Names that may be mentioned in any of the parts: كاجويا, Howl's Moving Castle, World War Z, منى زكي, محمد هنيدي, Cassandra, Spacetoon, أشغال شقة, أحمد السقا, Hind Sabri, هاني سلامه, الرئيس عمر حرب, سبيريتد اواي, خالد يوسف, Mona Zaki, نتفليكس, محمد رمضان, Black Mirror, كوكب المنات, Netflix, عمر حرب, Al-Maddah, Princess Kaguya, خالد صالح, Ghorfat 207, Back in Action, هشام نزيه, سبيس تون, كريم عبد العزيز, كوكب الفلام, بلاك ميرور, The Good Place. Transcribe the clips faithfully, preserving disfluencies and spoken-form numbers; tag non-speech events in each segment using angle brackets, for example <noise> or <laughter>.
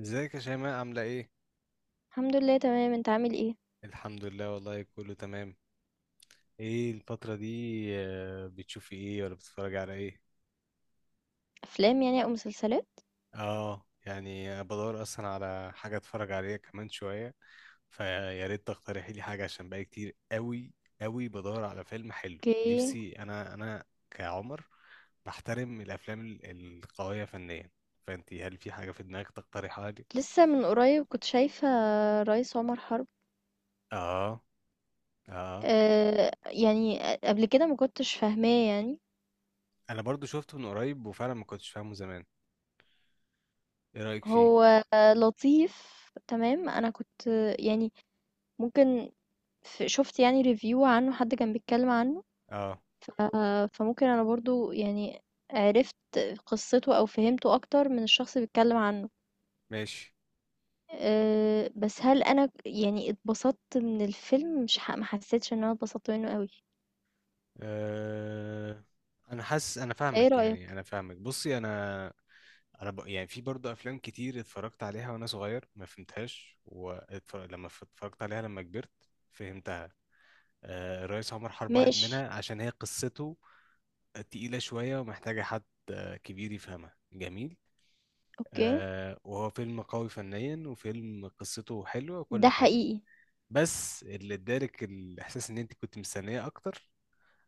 ازيك يا شيماء عاملة ايه؟ الحمد لله تمام. انت عامل ايه؟ الحمد لله والله كله تمام. ايه الفترة دي؟ آه، بتشوفي ايه ولا بتتفرجي على ايه؟ افلام يعني او مسلسلات. اه، يعني أنا بدور اصلا على حاجة اتفرج عليها كمان شوية، فيا ريت تقترحي لي حاجة عشان بقى كتير قوي قوي بدور على فيلم حلو، اوكي. نفسي انا انا كعمر بحترم الافلام ال- القوية فنيا، فانتي هل في حاجة في دماغك تقترحها لي؟ لسه من قريب كنت شايفة رئيس عمر حرب. اه، اه، أه، يعني قبل كده ما كنتش فاهماه يعني. انا برضو شفته من قريب وفعلا ما كنتش فاهمه زمان. ايه رأيك فيه؟ هو لطيف، تمام. انا كنت يعني ممكن، ف- شفت يعني ريفيو عنه، حد كان بيتكلم عنه. اه، ف- فممكن انا برضو يعني عرفت قصته او فهمته اكتر من الشخص اللي بيتكلم عنه. ماشي. آآ، بس هل أنا ك يعني اتبسطت من الفيلم؟ مش ح ما حسيتش إن أنا اتبسطت منه أوي. أه... انا حاسس انا أنت إيه فاهمك، يعني رأيك؟ انا فاهمك، بصي انا، انا ب... يعني في برضه افلام كتير اتفرجت عليها وانا صغير ما فهمتهاش، واتفرج... لما ف- اتفرجت عليها لما كبرت فهمتها. أه... الريس عمر حرب واحد ماشي، منها عشان هي قصته تقيلة شوية ومحتاجة حد كبير يفهمها. جميل. أوكي، أه... وهو فيلم قوي فنيا، وفيلم قصته حلوة وكل ده حاجة، حقيقي، بس اللي ادالك الاحساس ان انت كنت مستنية اكتر،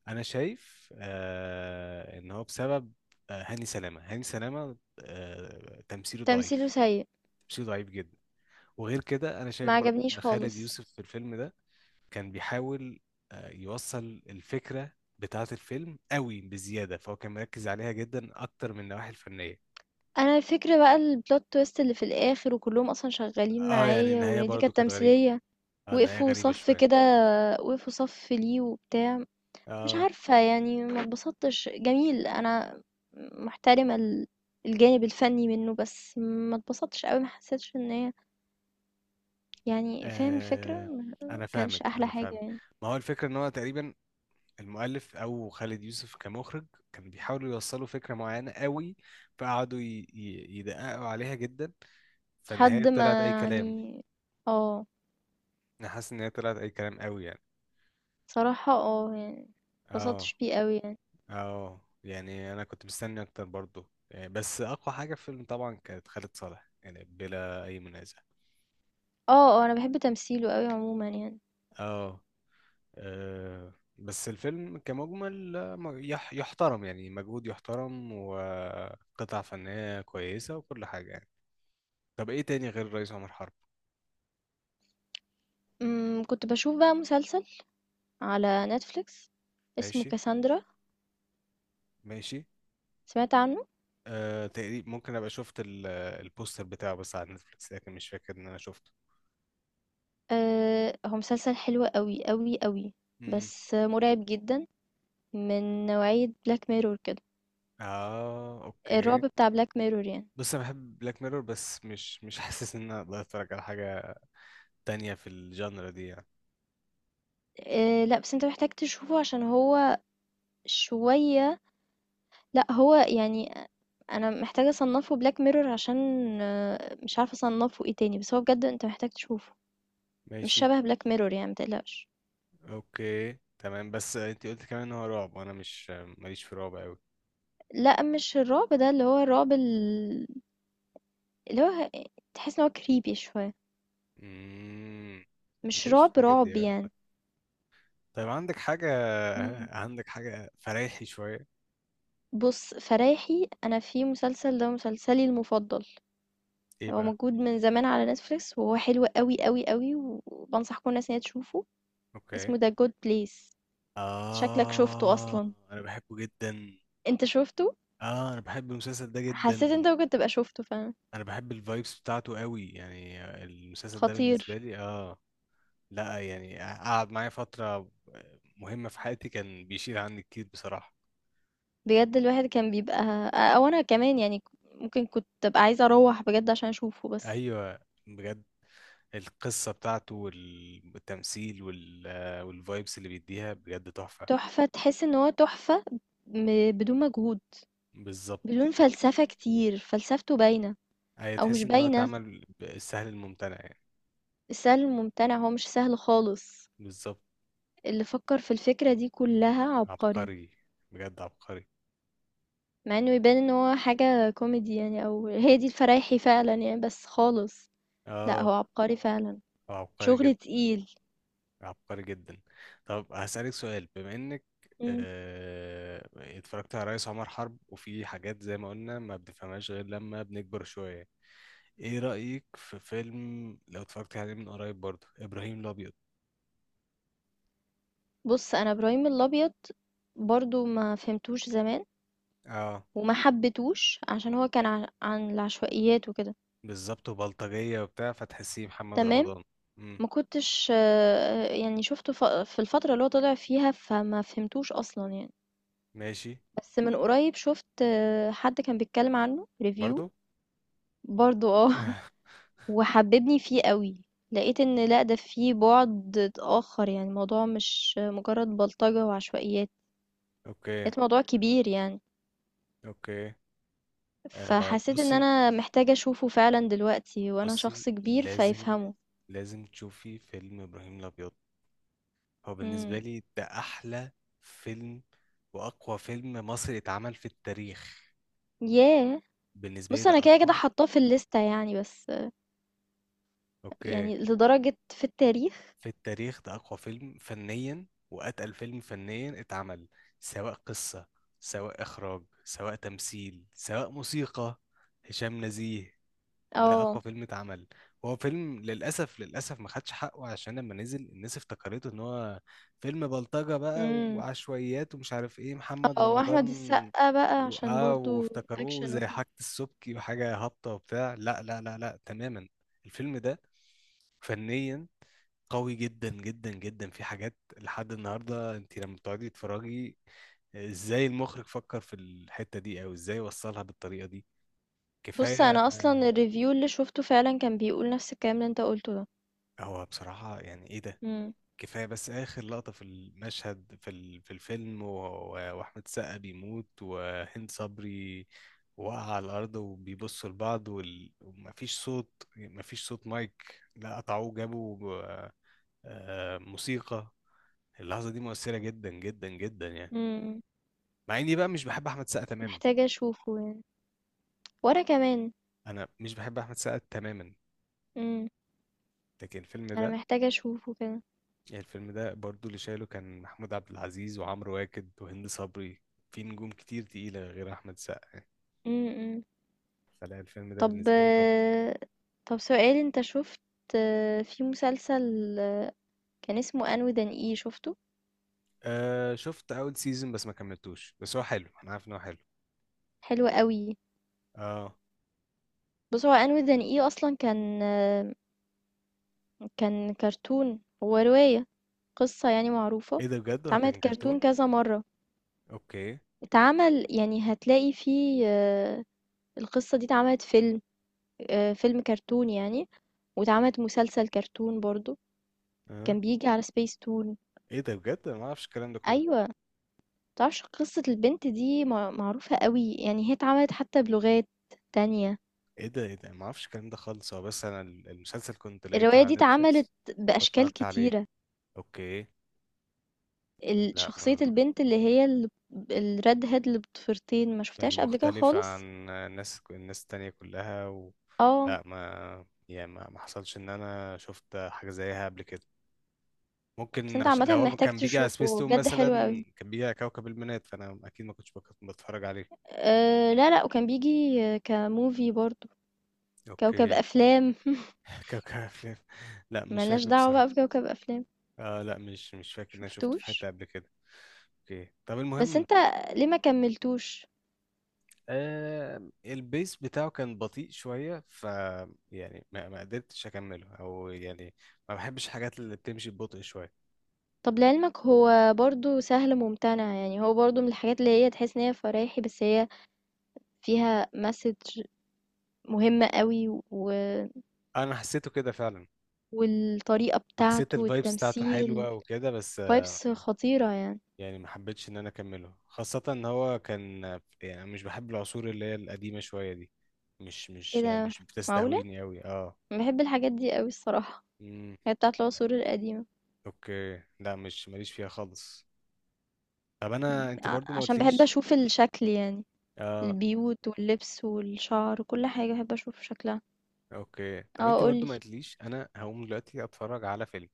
انا شايف آه ان هو بسبب آه هاني سلامه، هاني سلامه آه تمثيله تمثيله ضعيف، سيء، تمثيله ضعيف جدا. وغير كده انا ما شايف برضو عجبنيش ان خالد خالص. يوسف في الفيلم ده كان بيحاول آه يوصل الفكره بتاعه الفيلم قوي بزياده، فهو كان مركز عليها جدا اكتر من النواحي الفنيه. أنا الفكرة بقى الplot twist اللي في الآخر وكلّهم أصلًا شغالين اه، يعني معايا، النهايه وإن دي برضو كانت كانت غريبه، تمثيلية، اه النهايه وقفوا غريبه صف شويه. كده، وقفوا صف ليه وبتاع، مش اه، عارفة يعني، ما اتبسطتش. جميل، أنا محترمة ال الجانب الفني منه، بس ما اتبسطتش أوي، ما حسيتش إن هي يعني، فاهم الفكرة، آه، ما انا كانش فاهمك أحلى انا حاجة فاهمك. يعني. ما هو الفكره ان هو تقريبا المؤلف او خالد يوسف كمخرج كان بيحاولوا يوصلوا فكره معينه قوي، فقعدوا ي- ي- يدققوا عليها جدا، فالنهايه حد طلعت ما اي كلام. يعني، اه، انا حاسس ان هي طلعت اي كلام قوي يعني. صراحة اه يعني اه، مبسطتش بيه قوي يعني. اه يعني انا كنت مستني اكتر برضو يعني، بس اقوى حاجه في الفيلم طبعا كانت خالد صالح يعني، بلا اي منازع. اه اه، أنا بحب تمثيله قوي عموما يعني. اه. آه، بس الفيلم كمجمل آه، م- يح- يحترم، يعني مجهود يحترم وقطع فنية كويسة وكل حاجة يعني. طب ايه تاني غير الرئيس عمر حرب؟ أمم، كنت بشوف بقى مسلسل على نتفليكس اسمه ماشي، كاساندرا، ماشي. سمعت عنه؟ آه، تقريبا ممكن ابقى شفت ال- البوستر بتاعه بس على نتفليكس، لكن مش فاكر ان انا شفته. أه، هو مسلسل حلو قوي قوي قوي، امم، بس مرعب جدا، من نوعية بلاك ميرور كده، اه، الرعب اوكي. بتاع بلاك ميرور يعني. بص انا بحب بلاك ميرور، بس مش مش <laughs> حاسس ان انا اقدر اتفرج على حاجه تانية في الجانرا دي يعني. أه لا، بس انت محتاج تشوفه عشان هو شوية، لأ هو يعني، أ أنا محتاجة أصنّفه Black Mirror عشان، آآ، مش عارفة أصنّفه إيه تاني، بس هو بجد أنت محتاج تشوفه، مش ماشي. شبه Black Mirror يعني، ما تقلقش. اوكي تمام، بس انت قلت كمان ان هو رعب وانا مش ماليش في رعب قوي. لأ مش الرعب ده، اللي هو الرعب ال اللي هو ه تحس إن هو creepy شوية، امم. مش ماليش في رعب الحاجات دي رعب أوي يعني. عامة. طيب عندك حاجه إمم. عندك حاجه فريحي شويه؟ بُص، فرايحي أنا في مسلسل، ده مسلسلي المفضل، ايه هو بقى؟ موجود من زمان على Netflix وهو حلو أوي أوي أوي، وبانصح كل الناس إن هي تشوفه، اوكي. اسمه The Good Place. شكلك شُفته آه، أصلًا، أنا بحبه جدا. أنت شُفته؟ آه، أنا بحب المسلسل ده حسيت جدا. انت ممكن تبقى شُفته فعلًا، أنا بحب الفايبس بتاعته قوي يعني، المسلسل ده بالنسبة خطير، لي آه لا يعني قعد معايا فترة مهمة في حياتي، كان بيشيل عني كتير بصراحة. بجد الواحد كان بيبقى، أو أنا كمان يعني، ك ممكن كنت أبقى عايزة أروّح بجد عشان أشوفه بس، أيوة، بجد. القصة بتاعته والتمثيل وال والفايبس اللي بيديها بجد تحفة. تحفة، تحس إن هو تحفة م بدون مجهود، بالظبط. بدون فلسفة كتير، فلسفته باينة أيوة أو مش تحس إن هو باينة، اتعمل بالسهل الممتنع يعني. السهل الممتنع هو مش سهل خالص، بالظبط. اللي فكّر في الفكرة دي كلّها عبقري، عبقري، بجد عبقري. مع إنه يبان إن هو حاجة كوميدي يعني، أو هي دي الفرايحي فعلًا يعني، بس خالص، لأ هو اه، عبقري فعلًا، هو عبقري جدا، شغل تقيل. عبقري جدا. طب هسألك سؤال، بما انك إمم. آه، اتفرجت على رئيس عمر حرب، وفي حاجات زي ما قلنا ما بنفهمهاش غير لما بنكبر شوية، ايه رأيك في فيلم لو اتفرجت عليه من قريب برضه ابراهيم الابيض؟ بُص، أنا إبراهيم الأبيض برضه ما فهمتوش زمان، اه. وما حبيتهوش عشان هو كان عن عن العشوائيات وكده، بالظبط، وبلطجية وبتاع فتحسيه محمد تمام، رمضان. امم، ما كنتش آه، يعني شُفته ف في الفترة اللي هو طلع فيها، فما فهمتوش أصلًا يعني، ماشي، بس من قريب شُفت آه، حد كان بيتكلم عنه review، برضه. برضه آه، <laughs> <laughs> وحببني فيه أوي، لقيت إن لأ، ده فيه بُعد آخر يعني، الموضوع مش مجرد بلطجة وعشوائيات، اوكي، لقيت الموضوع كبير يعني. اوكي. آه، فحسيت إن بصي أنا محتاجة أشوفه فعلًا دلوقتي، وأنا شخص بصي كبير لازم فيفهمه. لازم تشوفي فيلم ابراهيم الابيض. هو إمم. بالنسبة لي ده أحلى فيلم وأقوى فيلم مصري اتعمل في التاريخ، ياه! بالنسبة لي بُص ده أنا كده كده أقوى. حاطاه في الليستة يعني، بس أوكي. يعني لدرجة في التاريخ؟ في التاريخ ده أقوى فيلم فنيا وأتقل فيلم فنيا اتعمل، سواء قصة سواء إخراج سواء تمثيل سواء موسيقى. هشام نزيه. ده آه. اقوى فيلم اتعمل. هو فيلم للاسف، للاسف ما خدش حقه عشان لما نزل الناس افتكرته ان هو فيلم بلطجة بقى إمم. وعشوائيات ومش عارف ايه محمد آه، وأحمد رمضان السقا بقى و... عشان اه برضه وافتكروه أكشن زي وكده. حاجة السبكي وحاجة هابطة وبتاع. لا، لا، لا، لا، تماما. الفيلم ده فنيا قوي جدا جدا جدا، في حاجات لحد النهارده انت لما بتقعدي تتفرجي ازاي المخرج فكر في الحتة دي، او ازاي وصلها بالطريقة دي. بُص كفاية. أنا أصلًا الreview اللي شُفته فعلًا كان بيقول نفس الكلام اللي أنت قُلته ده. هو بصراحة يعني ايه ده. إمم. كفاية بس آخر لقطة في المشهد في ال- في الفيلم و- و- وأحمد السقا بيموت وهند صبري وقع على الأرض وبيبصوا لبعض وال- ومفيش صوت، مفيش صوت مايك، لا قطعوه جابوا آه، موسيقى. اللحظة دي مؤثرة جدا جدا جدا يعني. إمم. مع إني بقى مش بحب أحمد السقا تماما. محتاجة أشوفه يعني. وأنا كمان. أنا مش بحب أحمد السقا تماما. إمم. لكن الفيلم أنا ده محتاجة أشوفه كده. يعني الفيلم ده برضو اللي شايله كان محمود عبد العزيز وعمرو واكد وهند صبري. في نجوم كتير تقيلة غير أحمد سقا يعني. إمم، إمم. فلا الفيلم ده طب، بالنسبة لي. طب طب سؤال، انت شفت في مسلسل كان اسمه انو دان اي؟ شفته؟ آه، شفت أول سيزون بس ما كملتوش، بس هو حلو أنا عارف إن هو حلو. حلو قوي. اه، بص، هو انو دان اي اصلا كان كان كرتون، هو رواية، قصة يعني معروفة، إيه ده بجد هو اتعملت كان كرتون كرتون؟ كذا مرة، أوكي. اتعمل يعني، هتلاقي فيه آه، القصة دي اتعملت فيلم، آه، فيلم كرتون يعني، واتعملت مسلسل كرتون برضو، اه، كان بيجي على سبيس تون. إيه ده بجد أنا ما أعرفش الكلام ده كله. ايوه، تعرفش قصة البنت دي مع- معروفة قوي يعني، هي اتعملت حتى بلغات تانية، إيه ده، إيه ده، ما أعرفش الكلام ده خالص. هو بس أنا ال- المسلسل كنت لقيته الرواية دي على اتعملت نتفليكس بأشكال فاتفرجت عليه. كتيرة، أوكي. ال- لا شخصية ما البنت اللي هي الريد هيد اللي بطفرتين، ما شفتهاش قبل كده المختلفة خالص. عن الناس الناس التانية كلها و... اه، لا، ما يعني ما ما حصلش ان انا شفت حاجة زيها قبل كده. بس ممكن انت عشان عامة لو هو محتاج كان بيجي على تشوفه، سبيس هو تون بجد مثلا، حلو قوي. كان بيجي على كوكب المنات فانا اكيد ما كنتش بك- بتفرج عليه. أه لا لا، وكان بيجي آه، كموفي برضو، كوكب اوكي. أفلام <laughs> <laughs> كوكب الفلام. لا، مش ملناش فاكره دعوة بقى بصراحة. بكوكب أفلام. آه، لا، مش مش فاكر ان انا شفته في حتة شفتوش؟ قبل كده. اوكي طب بس المهم. انت ليه ما كملتوش؟ آه، البيس بتاعه كان بطيء شوية، ف يعني ما, ما قدرتش أكمله، أو يعني ما بحبش الحاجات اللي بتمشي ببطء شوية. طَب لعلمك هو برضه سهل ممتنع، يعني هو برضه من الحاجات اللي هي تحس إن هي فرايحي، بس هي فيها message مهم أوي، و أنا حسيته كده فعلا، والطريقة وحسيت بتاعته الفايبس بتاعته والتمثيل، حلوة وكده، بس آه، vibes خطيرة يعني. يعني ما حبيتش إن أنا أكمله، خاصة إن هو كان آه، يعني أنا مش بحب العصور اللي هي القديمة شوية دي، مش إيه مش آه، ده، مش معقولة! بتستهويني أوي أه أنا باحب الحاجات دي أوي الصراحة، مم. هي بتاعة العصور القديمة، أوكي، لا، مش ماليش فيها خالص. طب أنا أنت ع برضو ما عشان باحب قلتليش. أشوف الشكل يعني، اه، البيوت واللبس والشعر وكل حاجة باحب أشوف شكلها. اوكي طب آه انت قُل برضو لي. ما قلتليش. انا هقوم دلوقتي اتفرج على فيلم.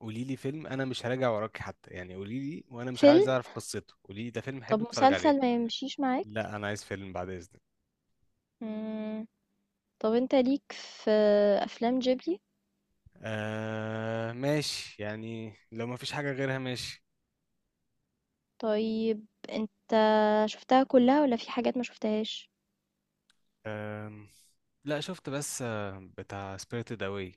قولي لي فيلم، انا مش هراجع وراكي حتى يعني، قولي لي، وانا مش عايز فيلم؟ اعرف قصته، قولي لي ده فيلم طَب حلو اتفرج عليه. مسلسل ما يمشيش معاك؟ لا، انا عايز فيلم بعد اذنك. إمم. طب انت ليك في افلام جيبلي؟ آه ماشي، يعني لو ما فيش حاجه غيرها ماشي. طيب انت شفتها كلها ولا في حاجات ما شفتهاش؟ آه، لا شفت، بس آه بتاع سبيريتد اواي.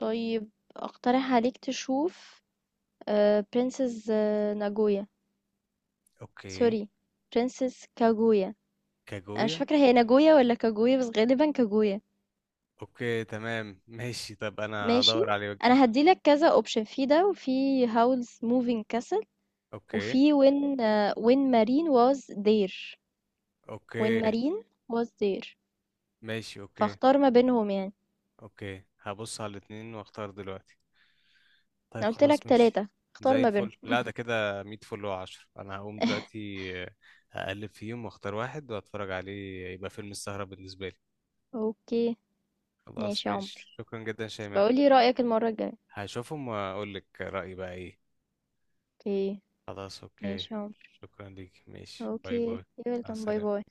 طيب، اقترح عليك تشوف برنسس ناجويا، اوكي. سوري، برنسس كاجويا، انا مش كاجويا. فاكره هي ناجويا ولا كاجويا، بس غالبا كاجويا. اوكي تمام ماشي، طب انا ماشي، هدور عليه واجيب. انا هديلك كذا اوبشن، في ده، وفي هاولز موفينج كاسل، اوكي. وفي وين وين مارين واز دير، وين اوكي. مارين واز دير، ماشي اوكي. فاختار ما بينهم يعني. اوكي، هبص على الاتنين واختار دلوقتي. طيب انا قلت لك خلاص ماشي، ثلاثة، اختار زي ما بينهم. الفل، لا ده كده مية فل وعشر. انا هقوم دلوقتي <laughs> اقلب فيهم واختار واحد واتفرج عليه يبقى فيلم السهرة بالنسبة لي. اوكي، خلاص ماشي يا عمر، ماشي، شكرا جدا يا شيماء. بقول لي رأيك المرة الجاية. هشوفهم واقول لك رأيي بقى ايه. اوكي، خلاص اوكي. ماشي يا عمر. شكرا ليك، ماشي، اوكي باي باي. يا، مع ويلكم، باي باي. السلامة.